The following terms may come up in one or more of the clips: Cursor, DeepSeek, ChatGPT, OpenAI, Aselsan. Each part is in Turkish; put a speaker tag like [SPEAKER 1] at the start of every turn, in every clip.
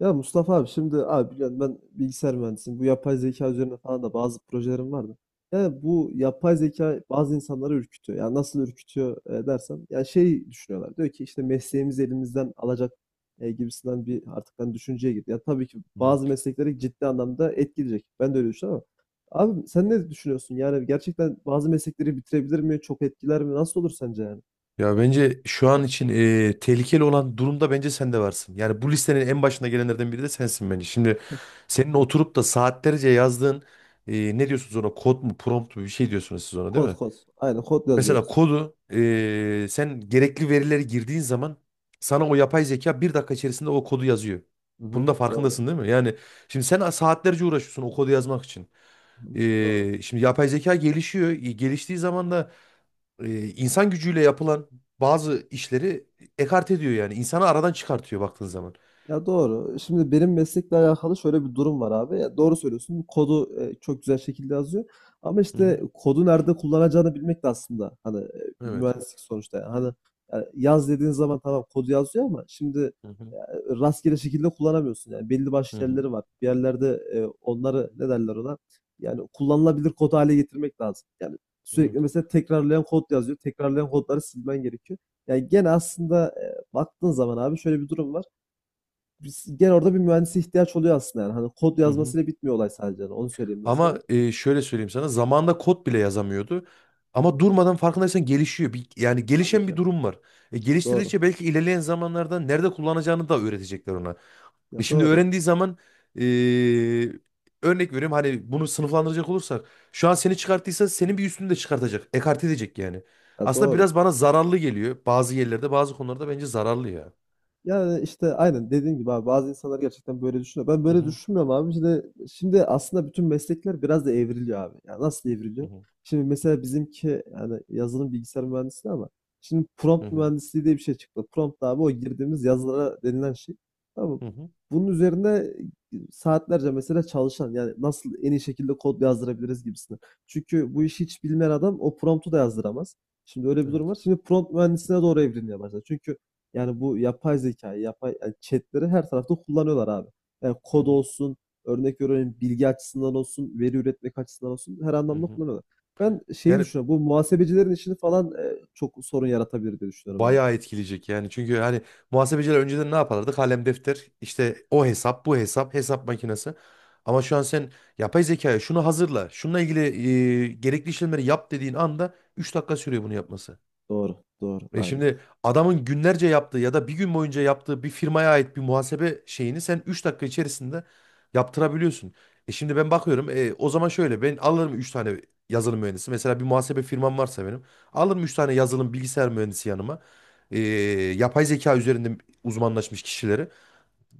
[SPEAKER 1] Ya Mustafa abi şimdi abi biliyorsun ben bilgisayar mühendisiyim. Bu yapay zeka üzerine falan da bazı projelerim vardı. Yani bu yapay zeka bazı insanları ürkütüyor. Yani nasıl ürkütüyor dersen ya şey düşünüyorlar. Diyor ki işte mesleğimizi elimizden alacak gibisinden bir artık hani düşünceye girdi. Ya tabii ki bazı meslekleri ciddi anlamda etkileyecek. Ben de öyle düşünüyorum ama abi sen ne düşünüyorsun? Yani gerçekten bazı meslekleri bitirebilir mi? Çok etkiler mi? Nasıl olur sence yani?
[SPEAKER 2] Ya bence şu an için tehlikeli olan durumda bence sen de varsın. Yani bu listenin en başına gelenlerden biri de sensin bence. Şimdi senin oturup da saatlerce yazdığın ne diyorsunuz ona, kod mu prompt mu, bir şey diyorsunuz siz ona değil
[SPEAKER 1] Kod
[SPEAKER 2] mi?
[SPEAKER 1] kod. Aynen kod
[SPEAKER 2] Mesela
[SPEAKER 1] yazıyoruz.
[SPEAKER 2] kodu sen gerekli verileri girdiğin zaman sana o yapay zeka 1 dakika içerisinde o kodu yazıyor.
[SPEAKER 1] Hı
[SPEAKER 2] Bunun da
[SPEAKER 1] hı. Doğru.
[SPEAKER 2] farkındasın değil mi? Yani şimdi sen saatlerce uğraşıyorsun o kodu yazmak için.
[SPEAKER 1] Hı hı. Doğru.
[SPEAKER 2] Şimdi yapay zeka gelişiyor. Geliştiği zaman da insan gücüyle yapılan bazı işleri ekarte ediyor yani. İnsanı aradan çıkartıyor baktığın zaman.
[SPEAKER 1] Ya doğru. Şimdi benim meslekle alakalı şöyle bir durum var abi. Ya doğru söylüyorsun. Kodu çok güzel şekilde yazıyor. Ama
[SPEAKER 2] Hı
[SPEAKER 1] işte
[SPEAKER 2] hı.
[SPEAKER 1] kodu nerede kullanacağını bilmek de aslında hani bir
[SPEAKER 2] Evet.
[SPEAKER 1] mühendislik sonuçta. Yani. Hani yani yaz dediğin zaman tamam kodu yazıyor ama şimdi
[SPEAKER 2] Hı hı.
[SPEAKER 1] e, rastgele şekilde kullanamıyorsun. Yani belli
[SPEAKER 2] Hı
[SPEAKER 1] başlı
[SPEAKER 2] hı.
[SPEAKER 1] yerleri var. Bir yerlerde onları ne derler ona? Yani kullanılabilir kod hale getirmek lazım. Yani
[SPEAKER 2] Evet.
[SPEAKER 1] sürekli mesela tekrarlayan kod yazıyor. Tekrarlayan kodları silmen gerekiyor. Yani gene aslında baktığın zaman abi şöyle bir durum var gene orada bir mühendise ihtiyaç oluyor aslında yani. Hani kod
[SPEAKER 2] Hı hı.
[SPEAKER 1] yazmasıyla bitmiyor olay sadece. Yani onu söyleyeyim ben
[SPEAKER 2] Ama
[SPEAKER 1] sana.
[SPEAKER 2] şöyle söyleyeyim sana, zamanda kod bile yazamıyordu. Ama durmadan farkındaysan gelişiyor. Yani
[SPEAKER 1] Tabii
[SPEAKER 2] gelişen bir
[SPEAKER 1] ki.
[SPEAKER 2] durum var. E,
[SPEAKER 1] Doğru.
[SPEAKER 2] geliştirdikçe belki ilerleyen zamanlarda nerede kullanacağını da öğretecekler ona. E,
[SPEAKER 1] Ya
[SPEAKER 2] şimdi
[SPEAKER 1] doğru.
[SPEAKER 2] öğrendiği zaman e, örnek veriyorum, hani bunu sınıflandıracak olursak, şu an seni çıkarttıysa senin bir üstünü de çıkartacak. Ekart edecek yani.
[SPEAKER 1] Ya
[SPEAKER 2] Aslında
[SPEAKER 1] doğru.
[SPEAKER 2] biraz bana zararlı geliyor. Bazı yerlerde bazı konularda bence zararlı ya.
[SPEAKER 1] Yani, işte, aynen dediğin gibi abi bazı insanlar gerçekten böyle düşünüyor. Ben
[SPEAKER 2] Hı
[SPEAKER 1] böyle
[SPEAKER 2] hı
[SPEAKER 1] düşünmüyorum abi. Şimdi aslında bütün meslekler biraz da evriliyor abi. Ya, nasıl
[SPEAKER 2] hı
[SPEAKER 1] evriliyor?
[SPEAKER 2] hı
[SPEAKER 1] Şimdi mesela bizimki, yani, yazılım bilgisayar mühendisliği ama şimdi
[SPEAKER 2] hı
[SPEAKER 1] prompt
[SPEAKER 2] hı.
[SPEAKER 1] mühendisliği diye bir şey çıktı. Prompt abi o girdiğimiz yazılara denilen şey. Tamam mı?
[SPEAKER 2] Hı hı.
[SPEAKER 1] Bunun üzerine saatlerce mesela çalışan, yani, nasıl en iyi şekilde kod yazdırabiliriz gibisinden. Çünkü bu işi hiç bilmeyen adam o prompt'u da yazdıramaz. Şimdi öyle bir durum
[SPEAKER 2] Evet.
[SPEAKER 1] var. Şimdi prompt mühendisliğine doğru evrilmeye başladı. Çünkü yani bu yapay zekayı, yapay yani chat'leri her tarafta kullanıyorlar abi. Yani
[SPEAKER 2] Hı
[SPEAKER 1] kod
[SPEAKER 2] hı
[SPEAKER 1] olsun, örnek veriyorum bilgi açısından olsun, veri üretmek açısından olsun her
[SPEAKER 2] hı
[SPEAKER 1] anlamda
[SPEAKER 2] hı.
[SPEAKER 1] kullanıyorlar. Ben şeyi
[SPEAKER 2] Yani
[SPEAKER 1] düşünüyorum. Bu muhasebecilerin işini falan çok sorun yaratabilir diye düşünüyorum abi.
[SPEAKER 2] bayağı etkileyecek yani. Çünkü hani muhasebeciler önceden ne yaparlardı? Kalem, defter, işte o hesap, bu hesap, hesap makinesi. Ama şu an sen yapay zekaya şunu hazırla, şununla ilgili gerekli işlemleri yap dediğin anda 3 dakika sürüyor bunu yapması.
[SPEAKER 1] Doğru, doğru,
[SPEAKER 2] E
[SPEAKER 1] aynen.
[SPEAKER 2] şimdi adamın günlerce yaptığı ya da bir gün boyunca yaptığı bir firmaya ait bir muhasebe şeyini sen 3 dakika içerisinde yaptırabiliyorsun. Şimdi ben bakıyorum, o zaman şöyle, ben alırım 3 tane yazılım mühendisi. Mesela bir muhasebe firmam varsa benim, alırım 3 tane yazılım bilgisayar mühendisi yanıma. E, Yapay zeka üzerinde uzmanlaşmış kişileri.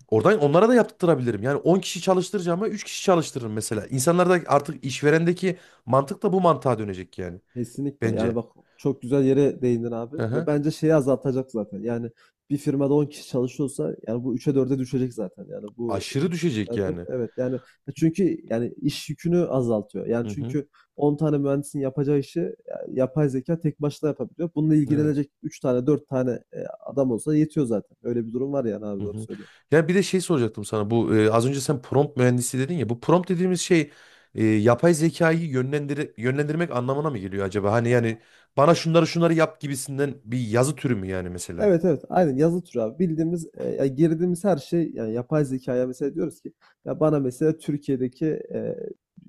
[SPEAKER 2] Oradan onlara da yaptırabilirim. Yani 10 kişi çalıştıracağıma 3 kişi çalıştırırım mesela. İnsanlarda artık işverendeki mantık da bu mantığa dönecek yani
[SPEAKER 1] Kesinlikle. Yani
[SPEAKER 2] bence.
[SPEAKER 1] bak çok güzel yere değindin abi.
[SPEAKER 2] Hı
[SPEAKER 1] Ve
[SPEAKER 2] hı.
[SPEAKER 1] bence şeyi azaltacak zaten. Yani bir firmada 10 kişi çalışıyorsa yani bu 3'e dörde düşecek zaten. Yani bu
[SPEAKER 2] Aşırı düşecek
[SPEAKER 1] ikide 4
[SPEAKER 2] yani.
[SPEAKER 1] evet yani çünkü yani iş yükünü azaltıyor. Yani
[SPEAKER 2] Hı hı.
[SPEAKER 1] çünkü 10 tane mühendisin yapacağı işi yani yapay zeka tek başına yapabiliyor. Bununla
[SPEAKER 2] Evet.
[SPEAKER 1] ilgilenecek 3 tane 4 tane adam olsa yetiyor zaten. Öyle bir durum var yani abi
[SPEAKER 2] Hı
[SPEAKER 1] doğru
[SPEAKER 2] hı.
[SPEAKER 1] söylüyorsun.
[SPEAKER 2] Ya bir de şey soracaktım sana. Bu az önce sen prompt mühendisi dedin ya. Bu prompt dediğimiz şey yapay zekayı yönlendirmek anlamına mı geliyor acaba? Hani yani bana şunları şunları yap gibisinden bir yazı türü mü yani mesela?
[SPEAKER 1] Evet evet aynen yazı türü abi. Bildiğimiz ya girdiğimiz her şey yani yapay zekaya mesela diyoruz ki ya bana mesela Türkiye'deki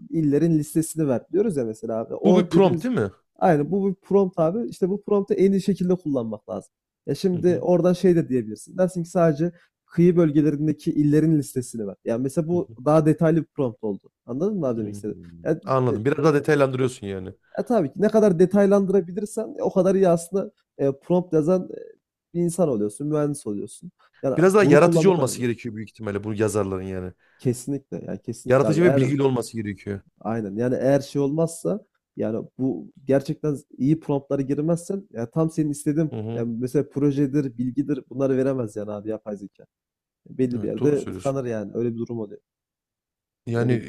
[SPEAKER 1] illerin listesini ver diyoruz ya mesela abi.
[SPEAKER 2] Bu bir
[SPEAKER 1] O
[SPEAKER 2] prompt
[SPEAKER 1] dediğimiz
[SPEAKER 2] değil mi?
[SPEAKER 1] aynen bu bir prompt abi. İşte bu promptu en iyi şekilde kullanmak lazım. Ya
[SPEAKER 2] Hı
[SPEAKER 1] şimdi
[SPEAKER 2] hı.
[SPEAKER 1] oradan şey de diyebilirsin. Dersin ki sadece kıyı bölgelerindeki illerin listesini ver. Yani mesela
[SPEAKER 2] Hı
[SPEAKER 1] bu
[SPEAKER 2] hı.
[SPEAKER 1] daha detaylı bir prompt oldu. Anladın mı abi demek
[SPEAKER 2] Hmm.
[SPEAKER 1] istedim? Yani
[SPEAKER 2] Anladım. Biraz daha detaylandırıyorsun yani.
[SPEAKER 1] tabii ki ne kadar detaylandırabilirsen o kadar iyi aslında prompt yazan bir insan oluyorsun, mühendis oluyorsun. Yani
[SPEAKER 2] Biraz daha
[SPEAKER 1] bunu
[SPEAKER 2] yaratıcı
[SPEAKER 1] kullanmak
[SPEAKER 2] olması
[SPEAKER 1] önemli.
[SPEAKER 2] gerekiyor büyük ihtimalle bu yazarların yani.
[SPEAKER 1] Kesinlikle yani kesinlikle abi.
[SPEAKER 2] Yaratıcı ve
[SPEAKER 1] Eğer
[SPEAKER 2] bilgili olması gerekiyor.
[SPEAKER 1] aynen yani eğer şey olmazsa yani bu gerçekten iyi promptlara girmezsen yani tam senin istediğin
[SPEAKER 2] Hı hı.
[SPEAKER 1] yani mesela projedir, bilgidir bunları veremez yani abi yapay zeka. Belli bir
[SPEAKER 2] Evet, doğru
[SPEAKER 1] yerde
[SPEAKER 2] söylüyorsun.
[SPEAKER 1] tıkanır yani. Öyle bir durum oluyor. Öyle
[SPEAKER 2] Yani
[SPEAKER 1] değil.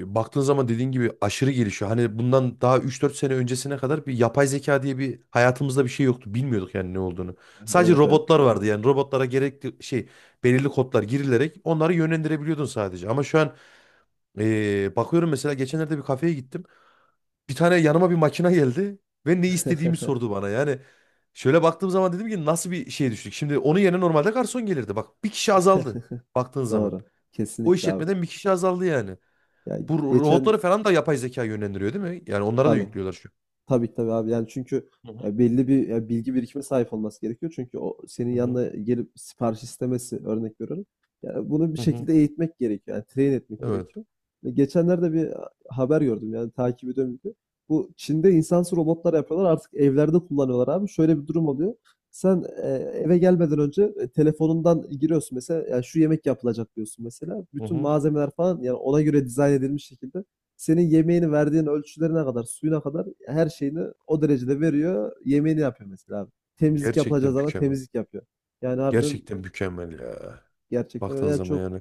[SPEAKER 2] baktığın zaman dediğin gibi aşırı gelişiyor. Hani bundan daha 3-4 sene öncesine kadar bir yapay zeka diye bir hayatımızda bir şey yoktu. Bilmiyorduk yani ne olduğunu. Sadece
[SPEAKER 1] Evet evet.
[SPEAKER 2] robotlar vardı. Yani robotlara gerekli şey, belirli kodlar girilerek onları yönlendirebiliyordun sadece. Ama şu an bakıyorum, mesela geçenlerde bir kafeye gittim. Bir tane yanıma bir makine geldi ve ne istediğimi sordu bana. Yani şöyle baktığım zaman dedim ki nasıl bir şeye düştük. Şimdi onun yerine normalde garson gelirdi. Bak, bir kişi azaldı baktığın zaman.
[SPEAKER 1] Doğru.
[SPEAKER 2] O
[SPEAKER 1] Kesinlikle abi.
[SPEAKER 2] işletmeden bir kişi azaldı yani.
[SPEAKER 1] Yani
[SPEAKER 2] Bu
[SPEAKER 1] geçen
[SPEAKER 2] robotları falan da yapay zeka yönlendiriyor değil mi? Yani onlara da
[SPEAKER 1] tabii.
[SPEAKER 2] yüklüyorlar şu.
[SPEAKER 1] Tabii tabii abi. Yani çünkü
[SPEAKER 2] Hı
[SPEAKER 1] ya belli bir ya bilgi birikimine sahip olması gerekiyor. Çünkü o senin
[SPEAKER 2] hı hı
[SPEAKER 1] yanına gelip sipariş istemesi örnek veriyorum. Yani bunu bir
[SPEAKER 2] hı hı hı.
[SPEAKER 1] şekilde eğitmek gerekiyor. Yani train etmek
[SPEAKER 2] Evet.
[SPEAKER 1] gerekiyor. Ve geçenlerde bir haber gördüm yani takip ediyorum bir de. Bu Çin'de insansız robotlar yapıyorlar artık evlerde kullanıyorlar abi. Şöyle bir durum oluyor. Sen eve gelmeden önce telefonundan giriyorsun mesela yani şu yemek yapılacak diyorsun mesela.
[SPEAKER 2] Hı
[SPEAKER 1] Bütün
[SPEAKER 2] hı.
[SPEAKER 1] malzemeler falan yani ona göre dizayn edilmiş şekilde senin yemeğini verdiğin ölçülerine kadar, suyuna kadar her şeyini o derecede veriyor. Yemeğini yapıyor mesela abi. Temizlik
[SPEAKER 2] Gerçekten
[SPEAKER 1] yapılacağı zaman
[SPEAKER 2] mükemmel.
[SPEAKER 1] temizlik yapıyor. Yani harbiden
[SPEAKER 2] Gerçekten mükemmel ya.
[SPEAKER 1] gerçekten öyle.
[SPEAKER 2] Baktığın
[SPEAKER 1] Yani
[SPEAKER 2] zaman
[SPEAKER 1] çok
[SPEAKER 2] yani.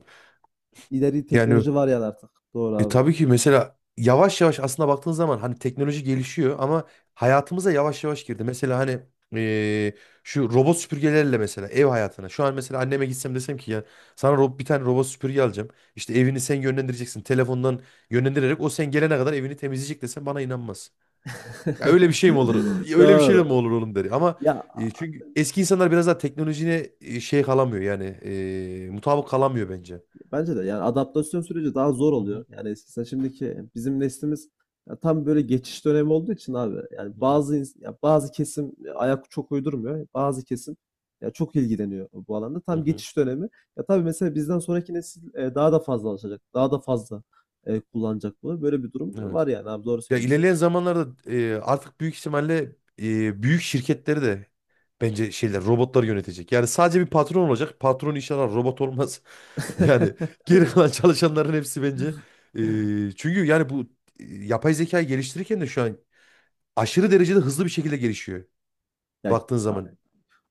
[SPEAKER 1] ileri
[SPEAKER 2] Yani
[SPEAKER 1] teknoloji var yani artık. Doğru abi.
[SPEAKER 2] tabii ki mesela yavaş yavaş aslında baktığın zaman hani teknoloji gelişiyor ama hayatımıza yavaş yavaş girdi. Mesela hani e, şu robot süpürgelerle mesela ev hayatına. Şu an mesela anneme gitsem desem ki ya, sana bir tane robot süpürge alacağım. İşte evini sen yönlendireceksin. Telefondan yönlendirerek o sen gelene kadar evini temizleyecek desem bana inanmaz. Ya öyle bir şey mi olur? Öyle bir şey de
[SPEAKER 1] Doğru.
[SPEAKER 2] mi olur oğlum der. Ama
[SPEAKER 1] Ya,
[SPEAKER 2] çünkü eski insanlar biraz daha teknolojiye şey kalamıyor yani, mutabık kalamıyor bence.
[SPEAKER 1] bence de yani adaptasyon süreci daha zor
[SPEAKER 2] Hı
[SPEAKER 1] oluyor.
[SPEAKER 2] hı,
[SPEAKER 1] Yani eskisi şimdiki bizim neslimiz ya tam böyle geçiş dönemi olduğu için abi yani
[SPEAKER 2] hı hı,
[SPEAKER 1] ya bazı kesim ayak çok uydurmuyor. Bazı kesim ya çok ilgileniyor bu alanda.
[SPEAKER 2] hı
[SPEAKER 1] Tam
[SPEAKER 2] hı.
[SPEAKER 1] geçiş dönemi. Ya tabii mesela bizden sonraki nesil daha da fazla alışacak. Daha da fazla kullanacak bunu. Böyle bir durum var
[SPEAKER 2] Evet.
[SPEAKER 1] yani abi doğru
[SPEAKER 2] Ya
[SPEAKER 1] söylüyorsun.
[SPEAKER 2] ilerleyen zamanlarda artık büyük ihtimalle büyük şirketleri de bence şeyler, robotlar yönetecek. Yani sadece bir patron olacak. Patron inşallah robot olmaz. Yani geri kalan çalışanların hepsi bence. Çünkü yani bu yapay zekayı geliştirirken de şu an aşırı derecede hızlı bir şekilde gelişiyor.
[SPEAKER 1] Ya,
[SPEAKER 2] Baktığın zaman.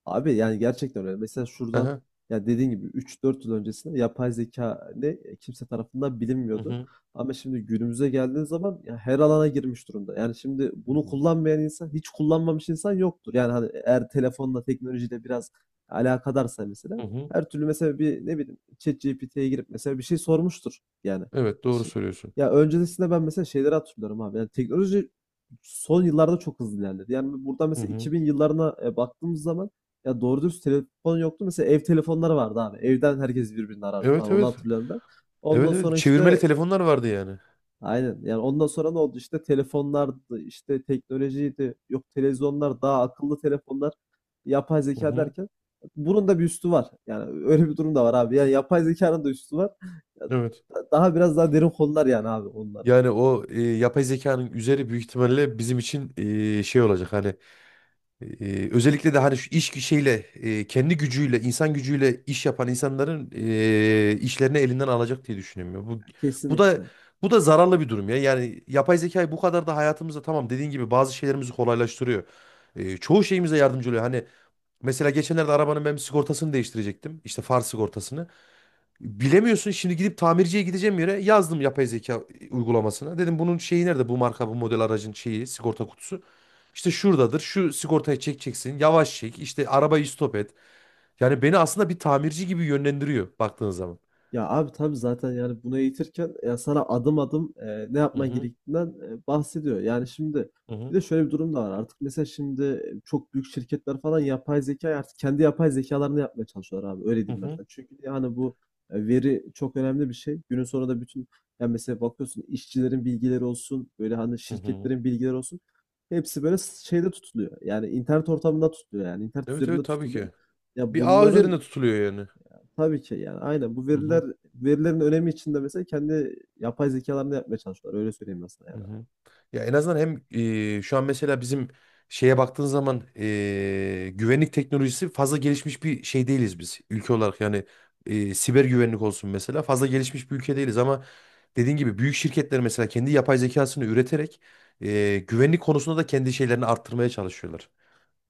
[SPEAKER 1] abi yani gerçekten öyle. Mesela şuradan
[SPEAKER 2] Aha.
[SPEAKER 1] ya dediğin gibi üç dört yıl öncesinde yapay zeka ne kimse tarafından
[SPEAKER 2] Hı
[SPEAKER 1] bilinmiyordu.
[SPEAKER 2] hı.
[SPEAKER 1] Ama şimdi günümüze geldiğin zaman ya her alana girmiş durumda. Yani şimdi
[SPEAKER 2] Hı
[SPEAKER 1] bunu
[SPEAKER 2] hı.
[SPEAKER 1] kullanmayan insan, hiç kullanmamış insan yoktur. Yani hani eğer telefonla, teknolojiyle biraz alakadarsa
[SPEAKER 2] Hı
[SPEAKER 1] mesela
[SPEAKER 2] hı.
[SPEAKER 1] her türlü mesela bir ne bileyim ChatGPT'ye girip mesela bir şey sormuştur yani.
[SPEAKER 2] Evet, doğru
[SPEAKER 1] Şi-
[SPEAKER 2] söylüyorsun.
[SPEAKER 1] Ya öncesinde ben mesela şeyleri hatırlıyorum abi. Yani teknoloji son yıllarda çok hızlı ilerledi. Yani burada
[SPEAKER 2] Hı
[SPEAKER 1] mesela
[SPEAKER 2] hı.
[SPEAKER 1] 2000 yıllarına baktığımız zaman ya doğru dürüst telefon yoktu. Mesela ev telefonları vardı abi. Evden herkes birbirini arardı falan.
[SPEAKER 2] Evet
[SPEAKER 1] Onu
[SPEAKER 2] evet.
[SPEAKER 1] hatırlıyorum ben. Ondan
[SPEAKER 2] Evet evet.
[SPEAKER 1] sonra
[SPEAKER 2] Çevirmeli
[SPEAKER 1] işte
[SPEAKER 2] telefonlar vardı yani.
[SPEAKER 1] aynen. Yani ondan sonra ne oldu? İşte telefonlardı, işte teknolojiydi. Yok televizyonlar, daha akıllı telefonlar, yapay
[SPEAKER 2] Hı
[SPEAKER 1] zeka
[SPEAKER 2] hı.
[SPEAKER 1] derken bunun da bir üstü var. Yani öyle bir durum da var abi. Yani yapay zekanın da üstü var. Ya,
[SPEAKER 2] Evet.
[SPEAKER 1] daha biraz daha derin konular yani abi onlar.
[SPEAKER 2] Yani o yapay zekanın üzeri büyük ihtimalle bizim için şey olacak hani, özellikle de hani şu iş şeyle kendi gücüyle insan gücüyle iş yapan insanların işlerini elinden alacak diye düşünüyorum ya. Bu da
[SPEAKER 1] Kesinlikle.
[SPEAKER 2] bu da zararlı bir durum ya. Yani yapay zekayı bu kadar da hayatımızda, tamam dediğin gibi, bazı şeylerimizi kolaylaştırıyor. Çoğu şeyimize yardımcı oluyor. Hani mesela geçenlerde arabanın ben sigortasını değiştirecektim. İşte far sigortasını. Bilemiyorsun şimdi, gidip tamirciye gideceğim yere yazdım yapay zeka uygulamasına. Dedim bunun şeyi nerede, bu marka bu model aracın şeyi, sigorta kutusu. İşte şuradadır, şu sigortayı çekeceksin, yavaş çek, işte arabayı stop et. Yani beni aslında bir tamirci gibi yönlendiriyor baktığın zaman.
[SPEAKER 1] Ya abi tabii zaten yani bunu eğitirken ya sana adım adım ne
[SPEAKER 2] Hı
[SPEAKER 1] yapman
[SPEAKER 2] hı,
[SPEAKER 1] gerektiğinden bahsediyor. Yani şimdi
[SPEAKER 2] hı
[SPEAKER 1] bir
[SPEAKER 2] hı,
[SPEAKER 1] de şöyle bir durum da var. Artık mesela şimdi çok büyük şirketler falan yapay zeka artık kendi yapay zekalarını yapmaya çalışıyorlar abi. Öyle
[SPEAKER 2] hı
[SPEAKER 1] diyeyim
[SPEAKER 2] hı,
[SPEAKER 1] mesela. Çünkü yani bu veri çok önemli bir şey. Günün sonunda bütün yani mesela bakıyorsun işçilerin bilgileri olsun, böyle hani
[SPEAKER 2] hı hı.
[SPEAKER 1] şirketlerin bilgileri olsun. Hepsi böyle şeyde tutuluyor. Yani internet ortamında tutuluyor yani internet
[SPEAKER 2] Evet
[SPEAKER 1] üzerinde
[SPEAKER 2] evet, tabii
[SPEAKER 1] tutuluyor.
[SPEAKER 2] ki.
[SPEAKER 1] Ya
[SPEAKER 2] Bir ağ
[SPEAKER 1] bunların.
[SPEAKER 2] üzerinde tutuluyor yani.
[SPEAKER 1] Tabii ki yani aynen. Bu veriler verilerin önemi içinde mesela kendi yapay zekalarını yapmaya çalışıyorlar. Öyle söyleyeyim ben
[SPEAKER 2] Hı
[SPEAKER 1] yani.
[SPEAKER 2] hı. Ya en azından hem şu an mesela bizim şeye baktığın zaman güvenlik teknolojisi fazla gelişmiş bir şey değiliz biz, ülke olarak yani. Siber güvenlik olsun, mesela fazla gelişmiş bir ülke değiliz ama dediğin gibi büyük şirketler mesela kendi yapay zekasını üreterek güvenlik konusunda da kendi şeylerini arttırmaya çalışıyorlar.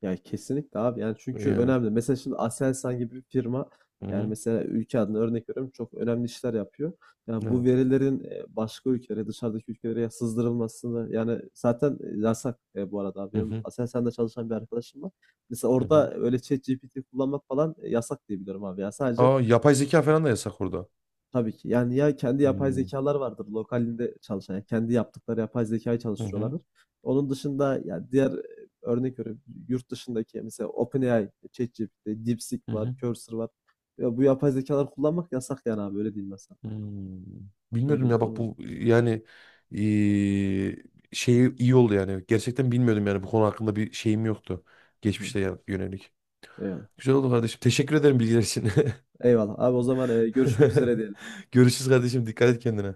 [SPEAKER 1] Yani kesinlikle abi. Yani çünkü
[SPEAKER 2] Yani.
[SPEAKER 1] önemli. Mesela şimdi Aselsan gibi bir firma
[SPEAKER 2] Hı
[SPEAKER 1] yani
[SPEAKER 2] hı.
[SPEAKER 1] mesela ülke adına örnek veriyorum çok önemli işler yapıyor. Yani bu
[SPEAKER 2] Evet.
[SPEAKER 1] verilerin başka ülkelere, dışarıdaki ülkelere sızdırılmasını yani zaten yasak bu arada.
[SPEAKER 2] Hı
[SPEAKER 1] Benim
[SPEAKER 2] hı.
[SPEAKER 1] Aselsan'da çalışan bir arkadaşım var. Mesela
[SPEAKER 2] Hı hı.
[SPEAKER 1] orada öyle ChatGPT kullanmak falan yasak diye biliyorum abi. Ya sadece.
[SPEAKER 2] Aa, yapay zeka falan da yasak orada.
[SPEAKER 1] Tabii ki. Yani ya kendi yapay
[SPEAKER 2] Hmm.
[SPEAKER 1] zekalar vardır lokalinde çalışan. Yani kendi yaptıkları yapay zekayı
[SPEAKER 2] Hı hı.
[SPEAKER 1] çalıştırıyorlardır. Onun dışında ya diğer örnek veriyorum yurt dışındaki mesela OpenAI, ChatGPT, DeepSeek
[SPEAKER 2] Hı
[SPEAKER 1] var,
[SPEAKER 2] hı.
[SPEAKER 1] Cursor var. Ya bu yapay zekalar kullanmak yasak yani abi öyle diyeyim ben sana.
[SPEAKER 2] Hmm.
[SPEAKER 1] Öyle
[SPEAKER 2] Bilmiyordum
[SPEAKER 1] bir
[SPEAKER 2] ya,
[SPEAKER 1] durum
[SPEAKER 2] bak,
[SPEAKER 1] var.
[SPEAKER 2] bu yani eee, şeyi iyi oldu yani. Gerçekten bilmiyordum yani, bu konu hakkında bir şeyim yoktu.
[SPEAKER 1] Hı hı.
[SPEAKER 2] Geçmişte yönelik.
[SPEAKER 1] Eyvallah.
[SPEAKER 2] Güzel oldu kardeşim. Teşekkür ederim bilgiler için.
[SPEAKER 1] Eyvallah. Abi o zaman görüşmek üzere diyelim.
[SPEAKER 2] Görüşürüz kardeşim. Dikkat et kendine.